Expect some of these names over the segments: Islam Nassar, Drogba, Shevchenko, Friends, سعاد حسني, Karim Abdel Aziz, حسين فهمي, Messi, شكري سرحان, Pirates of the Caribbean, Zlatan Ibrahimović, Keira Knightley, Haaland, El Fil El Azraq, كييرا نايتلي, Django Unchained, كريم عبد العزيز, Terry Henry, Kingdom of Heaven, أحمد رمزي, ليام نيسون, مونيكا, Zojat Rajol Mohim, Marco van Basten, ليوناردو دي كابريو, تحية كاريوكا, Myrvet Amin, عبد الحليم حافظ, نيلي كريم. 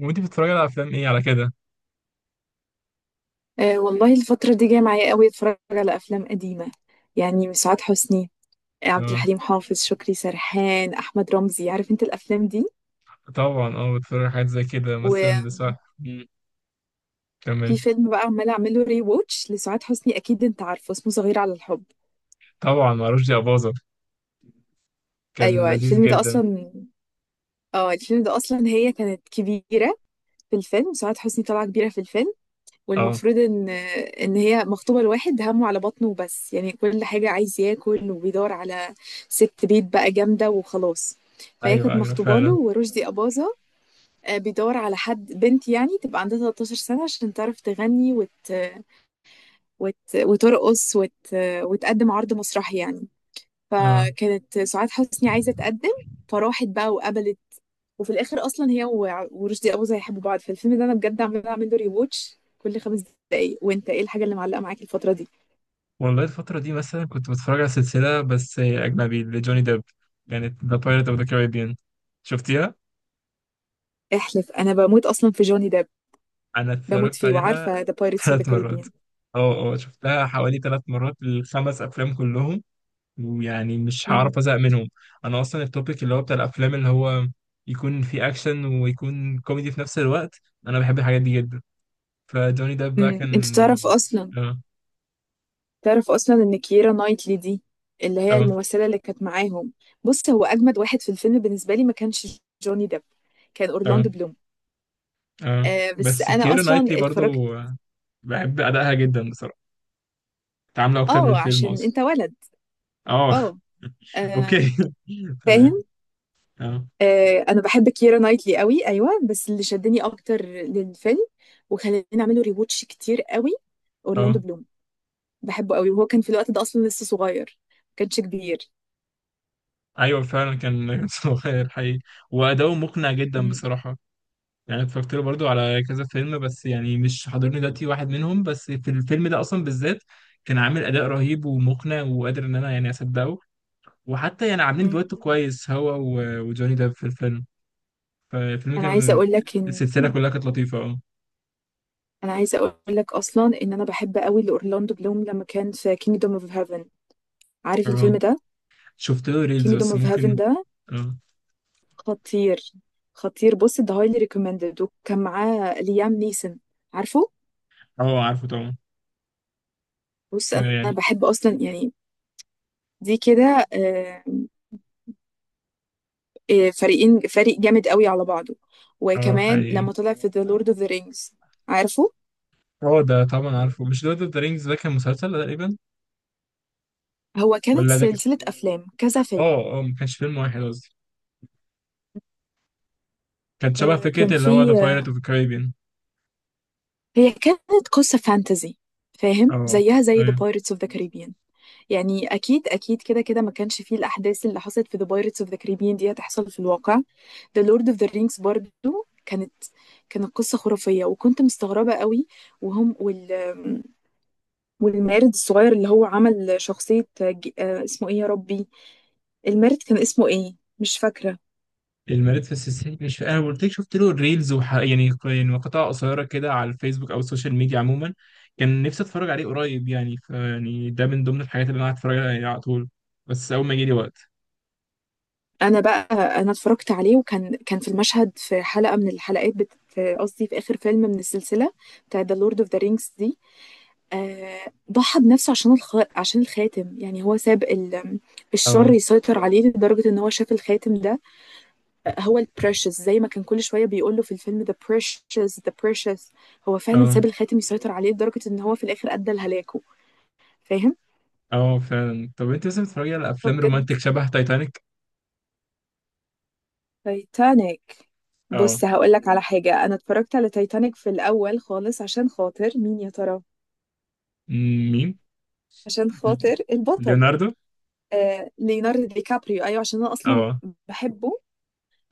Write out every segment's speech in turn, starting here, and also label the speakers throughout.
Speaker 1: وانت بتتفرجي على افلام ايه على كده؟
Speaker 2: أه، والله الفترة دي جاية معايا قوي، اتفرج على أفلام قديمة. يعني سعاد حسني، عبد
Speaker 1: اه.
Speaker 2: الحليم حافظ، شكري سرحان، أحمد رمزي، عارف انت الأفلام دي.
Speaker 1: طبعا، بتتفرج على حاجات زي كده
Speaker 2: وفي
Speaker 1: مثلا، صح. مم. كمل.
Speaker 2: فيلم بقى عمالة أعمله ري ووتش لسعاد حسني، أكيد انت عارفه، اسمه صغير على الحب.
Speaker 1: طبعا معرفش يا باظة. كان
Speaker 2: أيوة،
Speaker 1: لذيذ
Speaker 2: الفيلم ده
Speaker 1: جدا.
Speaker 2: أصلا. اه الفيلم ده أصلا هي كانت كبيرة في الفيلم، سعاد حسني طالعة كبيرة في الفيلم.
Speaker 1: اه،
Speaker 2: والمفروض ان هي مخطوبه لواحد همه على بطنه وبس، يعني كل حاجه عايز ياكل وبيدور على ست بيت بقى جامده وخلاص. فهي كانت
Speaker 1: ايوه ايوه
Speaker 2: مخطوبه له
Speaker 1: فعلا.
Speaker 2: ورشدي اباظه. بيدور على حد بنت يعني تبقى عندها 13 سنه عشان تعرف تغني وترقص وتقدم عرض مسرحي يعني.
Speaker 1: اه
Speaker 2: فكانت سعاد حسني عايزه تقدم، فراحت بقى وقبلت. وفي الاخر اصلا هي ورشدي اباظة هيحبوا بعض، فالفيلم ده انا بجد عماله اعمل له ريواتش كل 5 دقايق. وانت ايه الحاجه اللي معلقه معاك الفتره دي؟
Speaker 1: والله الفترة دي مثلا كنت بتفرج على سلسلة بس أجنبي لجوني ديب. كانت ذا بايرت اوف ذا كاريبيان. شفتيها؟
Speaker 2: احلف، انا بموت اصلا في جوني ديب،
Speaker 1: أنا
Speaker 2: بموت
Speaker 1: اتفرجت
Speaker 2: فيه،
Speaker 1: عليها
Speaker 2: وعارفه ذا بايرتس اوف ذا
Speaker 1: 3 مرات.
Speaker 2: كاريبيان.
Speaker 1: اه اه، شفتها حوالي 3 مرات، الخمس أفلام كلهم، ويعني مش
Speaker 2: امم
Speaker 1: هعرف ازهق منهم. انا اصلا التوبيك اللي هو بتاع الافلام اللي هو يكون فيه اكشن ويكون كوميدي في نفس الوقت، انا بحب الحاجات دي جدا. فجوني ديب بقى
Speaker 2: انت
Speaker 1: كان
Speaker 2: تعرف اصلا
Speaker 1: اه
Speaker 2: تعرف اصلا ان كييرا نايتلي دي اللي هي
Speaker 1: اه
Speaker 2: الممثله اللي كانت معاهم، بص هو اجمد واحد في الفيلم بالنسبه لي ما كانش جوني ديب، كان
Speaker 1: اه
Speaker 2: اورلاندو بلوم.
Speaker 1: اه،
Speaker 2: آه، بس
Speaker 1: بس
Speaker 2: انا
Speaker 1: كيرا
Speaker 2: اصلا
Speaker 1: نايتلي برضو
Speaker 2: اتفرجت.
Speaker 1: بحب ادائها جدا بصراحه. تعامل اكتر من
Speaker 2: اه،
Speaker 1: فيلم
Speaker 2: عشان
Speaker 1: اصلا.
Speaker 2: انت ولد.
Speaker 1: اه.
Speaker 2: اه.
Speaker 1: اوكي.
Speaker 2: آه.
Speaker 1: تمام.
Speaker 2: فاهم.
Speaker 1: اه،
Speaker 2: انا بحب كيرا نايتلي قوي، ايوه، بس اللي شدني اكتر للفيلم وخلاني اعمله ريواتش كتير قوي اورلاندو
Speaker 1: اه
Speaker 2: بلوم، بحبه قوي. وهو كان في الوقت ده اصلا لسه صغير، ما كانش كبير.
Speaker 1: ايوه فعلا، كان صغير حقيقي. واداؤه مقنع جدا
Speaker 2: مم.
Speaker 1: بصراحه، يعني أنا اتفرجت له برضو على كذا فيلم بس يعني مش حاضرني دلوقتي واحد منهم، بس في الفيلم ده اصلا بالذات كان عامل اداء رهيب ومقنع وقادر ان انا يعني اصدقه. وحتى يعني عاملين
Speaker 2: مم.
Speaker 1: دويتو كويس هو وجوني ديب في الفيلم، فالفيلم
Speaker 2: انا عايزه
Speaker 1: كان،
Speaker 2: اقول لك ان
Speaker 1: السلسله كلها كانت لطيفه، اه.
Speaker 2: انا عايزه اقول لك اصلا ان انا بحب قوي لاورلاندو بلوم لما كان في كينجدوم اوف هيفن، عارف
Speaker 1: اه،
Speaker 2: الفيلم ده؟
Speaker 1: شفت له ريلز
Speaker 2: كينجدوم
Speaker 1: بس
Speaker 2: اوف هيفن
Speaker 1: ممكن.
Speaker 2: ده
Speaker 1: اه،
Speaker 2: خطير، خطير. بص، ده هايلي ريكومندد، وكان معاه ليام نيسون، عارفه.
Speaker 1: اه عارفه طبعا،
Speaker 2: بص انا
Speaker 1: فيعني،
Speaker 2: بحب اصلا يعني دي كده، فريق جامد قوي على بعضه.
Speaker 1: اه،
Speaker 2: وكمان
Speaker 1: حقيقي.
Speaker 2: لما طلع في The Lord of the Rings، عارفه.
Speaker 1: اه ده طبعا عارفه، مش لورد اوف ذا رينجز ده كان مسلسل تقريبا،
Speaker 2: هو كانت
Speaker 1: ولا ده كان،
Speaker 2: سلسلة أفلام كذا فيلم،
Speaker 1: اه ما كانش فيلم واحد قصدي، كانت شبه
Speaker 2: كان
Speaker 1: فكره اللي هو ذا
Speaker 2: في
Speaker 1: بايرت اوف the Caribbean.
Speaker 2: هي كانت قصة فانتزي، فاهم،
Speaker 1: اه،
Speaker 2: زيها زي The
Speaker 1: ايوه.
Speaker 2: Pirates of the Caribbean. يعني أكيد أكيد كده كده ما كانش فيه الأحداث اللي حصلت في The Pirates of the Caribbean دي هتحصل في الواقع. The Lord of the Rings برضو كانت كانت قصة خرافية، وكنت مستغربة قوي. وهم والمارد الصغير اللي هو عمل شخصية اسمه ايه يا ربي؟ المارد كان اسمه ايه مش فاكرة.
Speaker 1: المريض في السيسي مش انا قلت لك، شفت له ريلز يعني مقاطع قصيره كده على الفيسبوك او السوشيال ميديا عموما. كان نفسي اتفرج عليه قريب، يعني فيعني ده من ضمن الحاجات اللي انا قاعد اتفرج عليها يعني على طول، بس اول ما يجي لي وقت.
Speaker 2: انا بقى انا اتفرجت عليه، وكان في المشهد في حلقة من الحلقات في قصدي في اخر فيلم من السلسلة بتاع ذا لورد اوف ذا رينجز دي. ضحى بنفسه عشان الخاتم، يعني هو ساب
Speaker 1: اه،
Speaker 2: الشر يسيطر عليه لدرجة ان هو شاف الخاتم ده. هو البريشس، زي ما كان كل شوية بيقول له في الفيلم ذا بريشس ذا بريشس. هو فعلا
Speaker 1: اه،
Speaker 2: ساب الخاتم يسيطر عليه لدرجة ان هو في الاخر ادى لهلاكه. فاهم؟
Speaker 1: اه فعلا. طب انت مثلا بتتفرجي على افلام
Speaker 2: بجد،
Speaker 1: رومانتك شبه تايتانيك؟
Speaker 2: تايتانيك.
Speaker 1: اه.
Speaker 2: بص هقول لك على حاجة، أنا اتفرجت على تايتانيك في الأول خالص عشان خاطر مين يا ترى؟
Speaker 1: مين؟
Speaker 2: عشان
Speaker 1: ل-
Speaker 2: خاطر البطل،
Speaker 1: ليوناردو.
Speaker 2: ليوناردو دي كابريو، أيوه، عشان أنا أصلا
Speaker 1: اه،
Speaker 2: بحبه.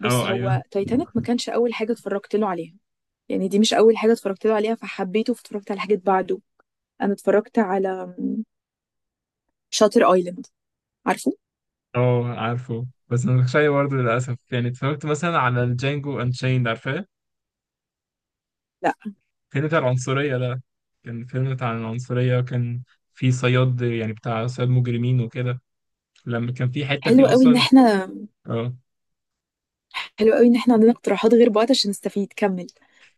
Speaker 2: بص
Speaker 1: اه ايوه.
Speaker 2: هو تايتانيك ما كانش أول حاجة اتفرجت له عليها، يعني دي مش أول حاجة اتفرجت له عليها، فحبيته، فاتفرجت على حاجات بعده. أنا اتفرجت على شاتر أيلاند، عارفه؟
Speaker 1: اه، عارفه بس ما اتفرجتش عليه برضه للاسف، يعني اتفرجت مثلا على الجانجو انشيند، عارفاه؟
Speaker 2: لا.
Speaker 1: فيلم بتاع العنصرية ده. كان فيلم بتاع العنصرية، وكان في صياد يعني بتاع صياد مجرمين وكده، لما كان في حتة
Speaker 2: حلو
Speaker 1: فيه
Speaker 2: قوي إن
Speaker 1: أصلا.
Speaker 2: احنا
Speaker 1: اه.
Speaker 2: حلو قوي إن احنا عندنا اقتراحات غير بعض عشان نستفيد، كمل.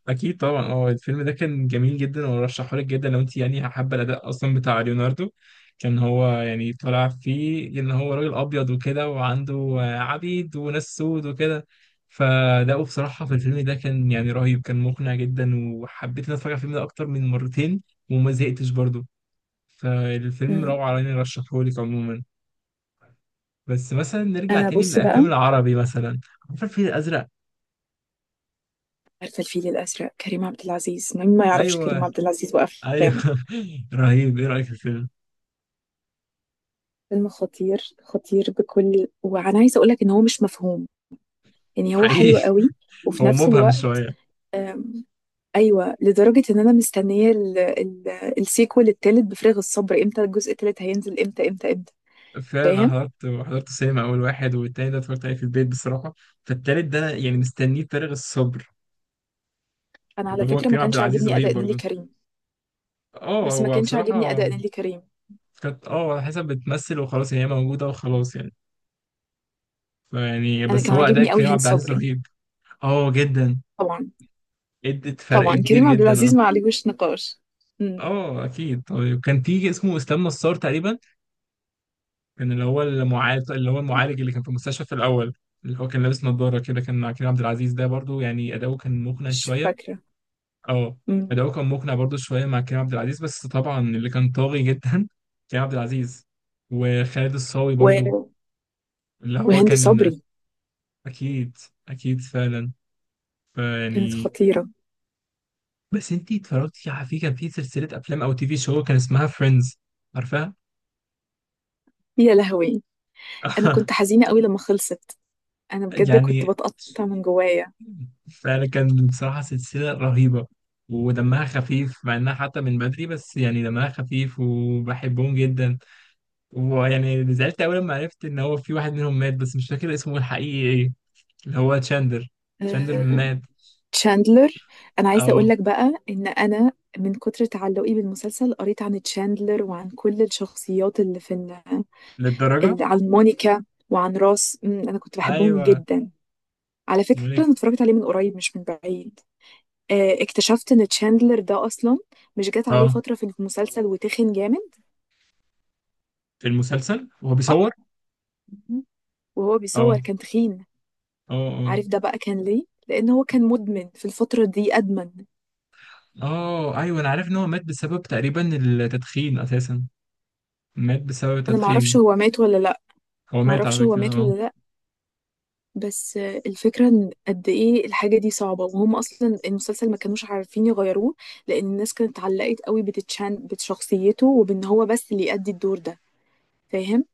Speaker 1: أكيد طبعا، اه الفيلم ده كان جميل جدا، وأرشحه لك جدا لو أنت يعني حابة الأداء أصلا بتاع ليوناردو. كان هو يعني طالع فيه إن هو راجل أبيض وكده، وعنده آه، عبيد وناس سود وكده. فأداؤه بصراحة في الفيلم ده كان يعني رهيب، كان مقنع جدا، وحبيت إن أنا أتفرج على الفيلم ده أكتر من مرتين وما زهقتش برضه. فالفيلم
Speaker 2: مم.
Speaker 1: روعة يعني، رشحهولك عموما. بس مثلا نرجع
Speaker 2: أنا
Speaker 1: تاني
Speaker 2: بص
Speaker 1: للأفلام
Speaker 2: بقى،
Speaker 1: العربي مثلا، عارف الفيل الأزرق؟
Speaker 2: عارفة الفيل الأزرق، كريم عبد العزيز، مين ما يعرفش
Speaker 1: أيوه،
Speaker 2: كريم عبد العزيز
Speaker 1: أيوه.
Speaker 2: وأفلامه؟
Speaker 1: رهيب، إيه رأيك في الفيلم؟
Speaker 2: فيلم خطير، خطير، وأنا عايزة أقولك إن هو مش مفهوم، يعني هو حلو
Speaker 1: حقيقي.
Speaker 2: قوي، وفي
Speaker 1: هو
Speaker 2: نفس
Speaker 1: مبهم
Speaker 2: الوقت
Speaker 1: شوية.
Speaker 2: آم، أيوة، لدرجة إن أنا مستنية السيكوال التالت بفارغ الصبر، إمتى الجزء التالت هينزل؟ إمتى إمتى إمتى؟
Speaker 1: فعلا أنا
Speaker 2: فاهم.
Speaker 1: حضرت السينما أول واحد، والتاني ده اتفرجت عليه في البيت بصراحة. فالتالت ده أنا يعني مستنيه بفارغ الصبر.
Speaker 2: أنا على
Speaker 1: وهو
Speaker 2: فكرة ما
Speaker 1: كريم عبد
Speaker 2: كانش
Speaker 1: العزيز
Speaker 2: عاجبني
Speaker 1: رهيب
Speaker 2: أداء نيلي
Speaker 1: برضه.
Speaker 2: كريم،
Speaker 1: اه،
Speaker 2: بس ما
Speaker 1: هو
Speaker 2: كانش عاجبني
Speaker 1: بصراحة
Speaker 2: أداء نيلي كريم.
Speaker 1: كانت، اه على حسب بتمثل وخلاص، يعني هي موجودة وخلاص يعني. فيعني
Speaker 2: أنا
Speaker 1: بس
Speaker 2: كان
Speaker 1: هو أداء
Speaker 2: عاجبني قوي
Speaker 1: كريم
Speaker 2: هند
Speaker 1: عبد العزيز
Speaker 2: صبري،
Speaker 1: رهيب. اه، جدا،
Speaker 2: طبعا.
Speaker 1: ادت فرق
Speaker 2: طبعا
Speaker 1: كبير
Speaker 2: كريم عبد
Speaker 1: جدا،
Speaker 2: العزيز
Speaker 1: آه.
Speaker 2: ما عليهوش نقاش. مم.
Speaker 1: اه اكيد. طيب كان في اسمه اسلام نصار تقريبا، كان اللي هو المعالج، اللي هو المعالج اللي كان في المستشفى في الاول، اللي هو كان لابس نظاره كده، كان مع كريم عبد العزيز ده برضو يعني، اداؤه كان مقنع
Speaker 2: مش
Speaker 1: شويه.
Speaker 2: فاكرة.
Speaker 1: اه.
Speaker 2: مم.
Speaker 1: اداؤه كان مقنع برضو شويه مع كريم عبد العزيز، بس طبعا اللي كان طاغي جدا كريم عبد العزيز، وخالد الصاوي
Speaker 2: و...
Speaker 1: برضو اللي هو
Speaker 2: وهند
Speaker 1: كان.
Speaker 2: صبري
Speaker 1: اكيد، اكيد فعلا،
Speaker 2: كانت
Speaker 1: فيعني،
Speaker 2: خطيرة.
Speaker 1: بس انتي اتفرجتي على، في كان في سلسله افلام او تي في شو كان اسمها فريندز، عارفاها؟
Speaker 2: يا لهوي، أنا كنت حزينة قوي لما خلصت، أنا بجد كنت
Speaker 1: يعني،
Speaker 2: بتقطع من جوايا.
Speaker 1: فكان بصراحة سلسلة رهيبة ودمها خفيف مع انها حتى من بدري، بس يعني دمها خفيف وبحبهم جدا. ويعني زعلت اول ما عرفت ان هو في واحد منهم مات، بس مش فاكر اسمه الحقيقي ايه، اللي هو تشاندر. تشاندر
Speaker 2: آه،
Speaker 1: مات.
Speaker 2: تشاندلر. أنا عايزة أقول
Speaker 1: اه،
Speaker 2: لك بقى إن أنا من كتر تعلقي بالمسلسل قريت عن تشاندلر وعن كل الشخصيات اللي في
Speaker 1: للدرجة؟
Speaker 2: اللي عن مونيكا وعن راس، أنا كنت بحبهم
Speaker 1: ايوه،
Speaker 2: جدا. على فكرة
Speaker 1: ملك.
Speaker 2: أنا اتفرجت عليه من قريب مش من بعيد، اكتشفت إن تشاندلر ده أصلا مش جات عليه
Speaker 1: اه،
Speaker 2: فترة في المسلسل وتخن جامد،
Speaker 1: في المسلسل وهو
Speaker 2: صح؟
Speaker 1: بيصور.
Speaker 2: وهو بيصور
Speaker 1: اه،
Speaker 2: كان تخين.
Speaker 1: اه، اه.
Speaker 2: عارف ده بقى كان ليه؟ لان هو كان مدمن في الفتره دي، ادمن.
Speaker 1: اه ايوه، انا عارف ان هو مات بسبب تقريبا التدخين اساسا، مات بسبب
Speaker 2: انا معرفش
Speaker 1: التدخين.
Speaker 2: هو مات ولا لا،
Speaker 1: هو مات
Speaker 2: معرفش
Speaker 1: على
Speaker 2: هو
Speaker 1: فكرة،
Speaker 2: مات
Speaker 1: اه.
Speaker 2: ولا لا. بس الفكره ان قد ايه الحاجه دي صعبه، وهم اصلا المسلسل ما كانوش عارفين يغيروه، لان الناس كانت اتعلقت قوي بتتشان بشخصيته وبان هو بس اللي يأدي الدور ده، فاهم.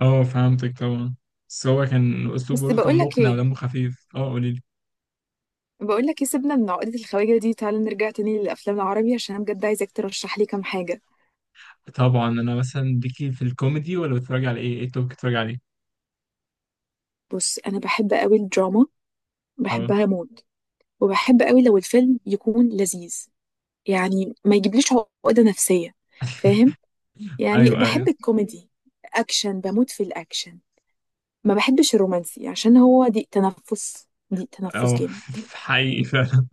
Speaker 1: اه فهمتك طبعا، بس هو كان الأسلوب
Speaker 2: بس
Speaker 1: برضه كان
Speaker 2: بقول لك
Speaker 1: مقنع
Speaker 2: ايه
Speaker 1: ودمه خفيف. اه، قوليلي.
Speaker 2: بقول لك ايه سيبنا من عقده الخواجه دي، تعالى نرجع تاني للافلام العربي عشان انا بجد عايزاك ترشح لي كام حاجه.
Speaker 1: طبعا أنا مثلا، ليكي في الكوميدي ولا بتتفرجي على إيه؟ إيه التوب بتتفرجي عليه؟
Speaker 2: بص انا بحب قوي الدراما،
Speaker 1: اه،
Speaker 2: بحبها موت، وبحب قوي لو الفيلم يكون لذيذ، يعني ما يجيبليش عقدة نفسية، فاهم. يعني
Speaker 1: أيوه
Speaker 2: بحب
Speaker 1: أيوه.
Speaker 2: الكوميدي، اكشن، بموت في الاكشن، ما بحبش الرومانسي عشان هو ضيق تنفس، ضيق تنفس
Speaker 1: اه،
Speaker 2: جامد.
Speaker 1: حقيقي فعلا.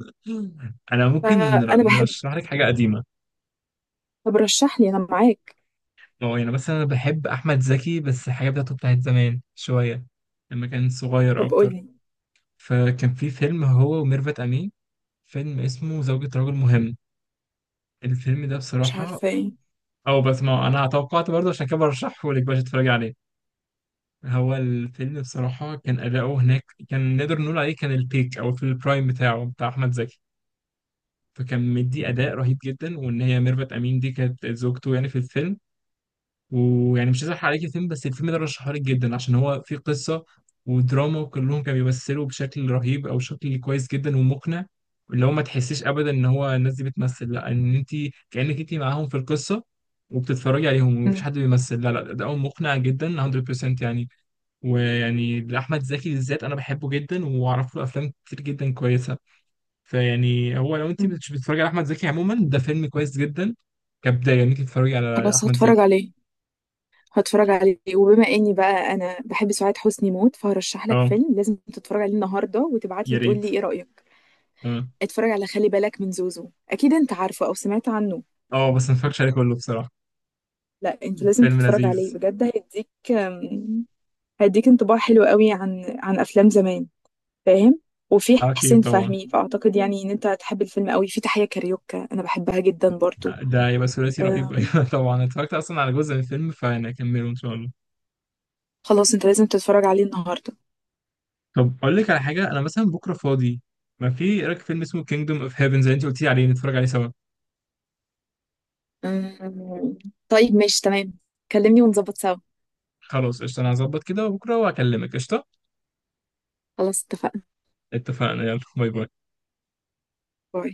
Speaker 1: أنا ممكن
Speaker 2: فانا بحب،
Speaker 1: نرشح لك حاجة قديمة.
Speaker 2: طب رشح لي انا معاك،
Speaker 1: اه، يعني مثلا أنا بحب أحمد زكي، بس الحاجة بتاعته بتاعت زمان شوية، لما كان صغير
Speaker 2: طب قول
Speaker 1: أكتر.
Speaker 2: لي.
Speaker 1: فكان في فيلم هو وميرفت أمين، فيلم اسمه زوجة رجل مهم. الفيلم ده
Speaker 2: مش
Speaker 1: بصراحة،
Speaker 2: عارفة ايه.
Speaker 1: أو بس ما أنا توقعت برضه، عشان كده برشحه لك باش تتفرجي عليه. هو الفيلم بصراحة كان أداؤه هناك كان نقدر نقول عليه كان البيك، أو في البرايم بتاعه بتاع أحمد زكي. فكان مدي أداء رهيب جدا، وإن هي ميرفت أمين دي كانت زوجته يعني في الفيلم. ويعني مش عايز أحرق عليك الفيلم، بس الفيلم ده رشحه لك جدا، عشان هو فيه قصة ودراما، وكلهم كانوا بيمثلوا بشكل رهيب أو شكل كويس جدا ومقنع، اللي هو ما تحسيش أبدا إن هو الناس دي بتمثل، لا، إن أنت كأنك أنت معاهم في القصة وبتتفرجي عليهم ومفيش
Speaker 2: مم.
Speaker 1: حد بيمثل. لا لا، أداؤهم مقنع جدا 100% يعني. ويعني لأحمد زكي بالذات أنا بحبه جدا، وأعرف له أفلام كتير جدا كويسة. فيعني هو لو أنت
Speaker 2: مم.
Speaker 1: مش بتتفرجي على أحمد زكي عموما، ده فيلم كويس جدا كبداية إنك تتفرجي على
Speaker 2: خلاص
Speaker 1: أحمد
Speaker 2: هتفرج
Speaker 1: زكي.
Speaker 2: عليه. هتفرج عليه، وبما اني بقى انا بحب سعاد حسني موت فهرشح لك
Speaker 1: أه،
Speaker 2: فيلم لازم تتفرج عليه النهارده، وتبعت
Speaker 1: يا
Speaker 2: لي تقول
Speaker 1: ريت.
Speaker 2: لي ايه رأيك.
Speaker 1: أه،
Speaker 2: اتفرج على خلي بالك من زوزو، اكيد انت عارفه او سمعت عنه.
Speaker 1: أه بس ما اتفرجتش عليه كله بصراحة.
Speaker 2: لا، انت لازم
Speaker 1: فيلم
Speaker 2: تتفرج عليه
Speaker 1: لذيذ.
Speaker 2: بجد، هيديك انطباع حلو قوي عن افلام زمان، فاهم. وفي حسين
Speaker 1: أكيد طبعا،
Speaker 2: فهمي، فاعتقد يعني ان انت هتحب الفيلم قوي، في تحية كاريوكا انا بحبها جدا برضو.
Speaker 1: ده يبقى ثلاثي رهيب.
Speaker 2: أم،
Speaker 1: أيوة طبعا أنا اتفرجت أصلا على جزء من الفيلم، فأنا أكمله إن شاء الله.
Speaker 2: خلاص انت لازم تتفرج عليه النهارده.
Speaker 1: طب أقول لك على حاجة، أنا مثلا بكرة فاضي، ما في، إيه رأيك فيلم اسمه Kingdom of Heaven زي أنت قلتي عليه، نتفرج عليه سوا؟
Speaker 2: أم، طيب ماشي تمام. كلمني ونظبط سوا.
Speaker 1: خلاص قشطة أنا هظبط كده، وبكرة وأكلمك قشطة.
Speaker 2: خلاص اتفقنا.
Speaker 1: اتفقنا يلا، باي باي.
Speaker 2: باي.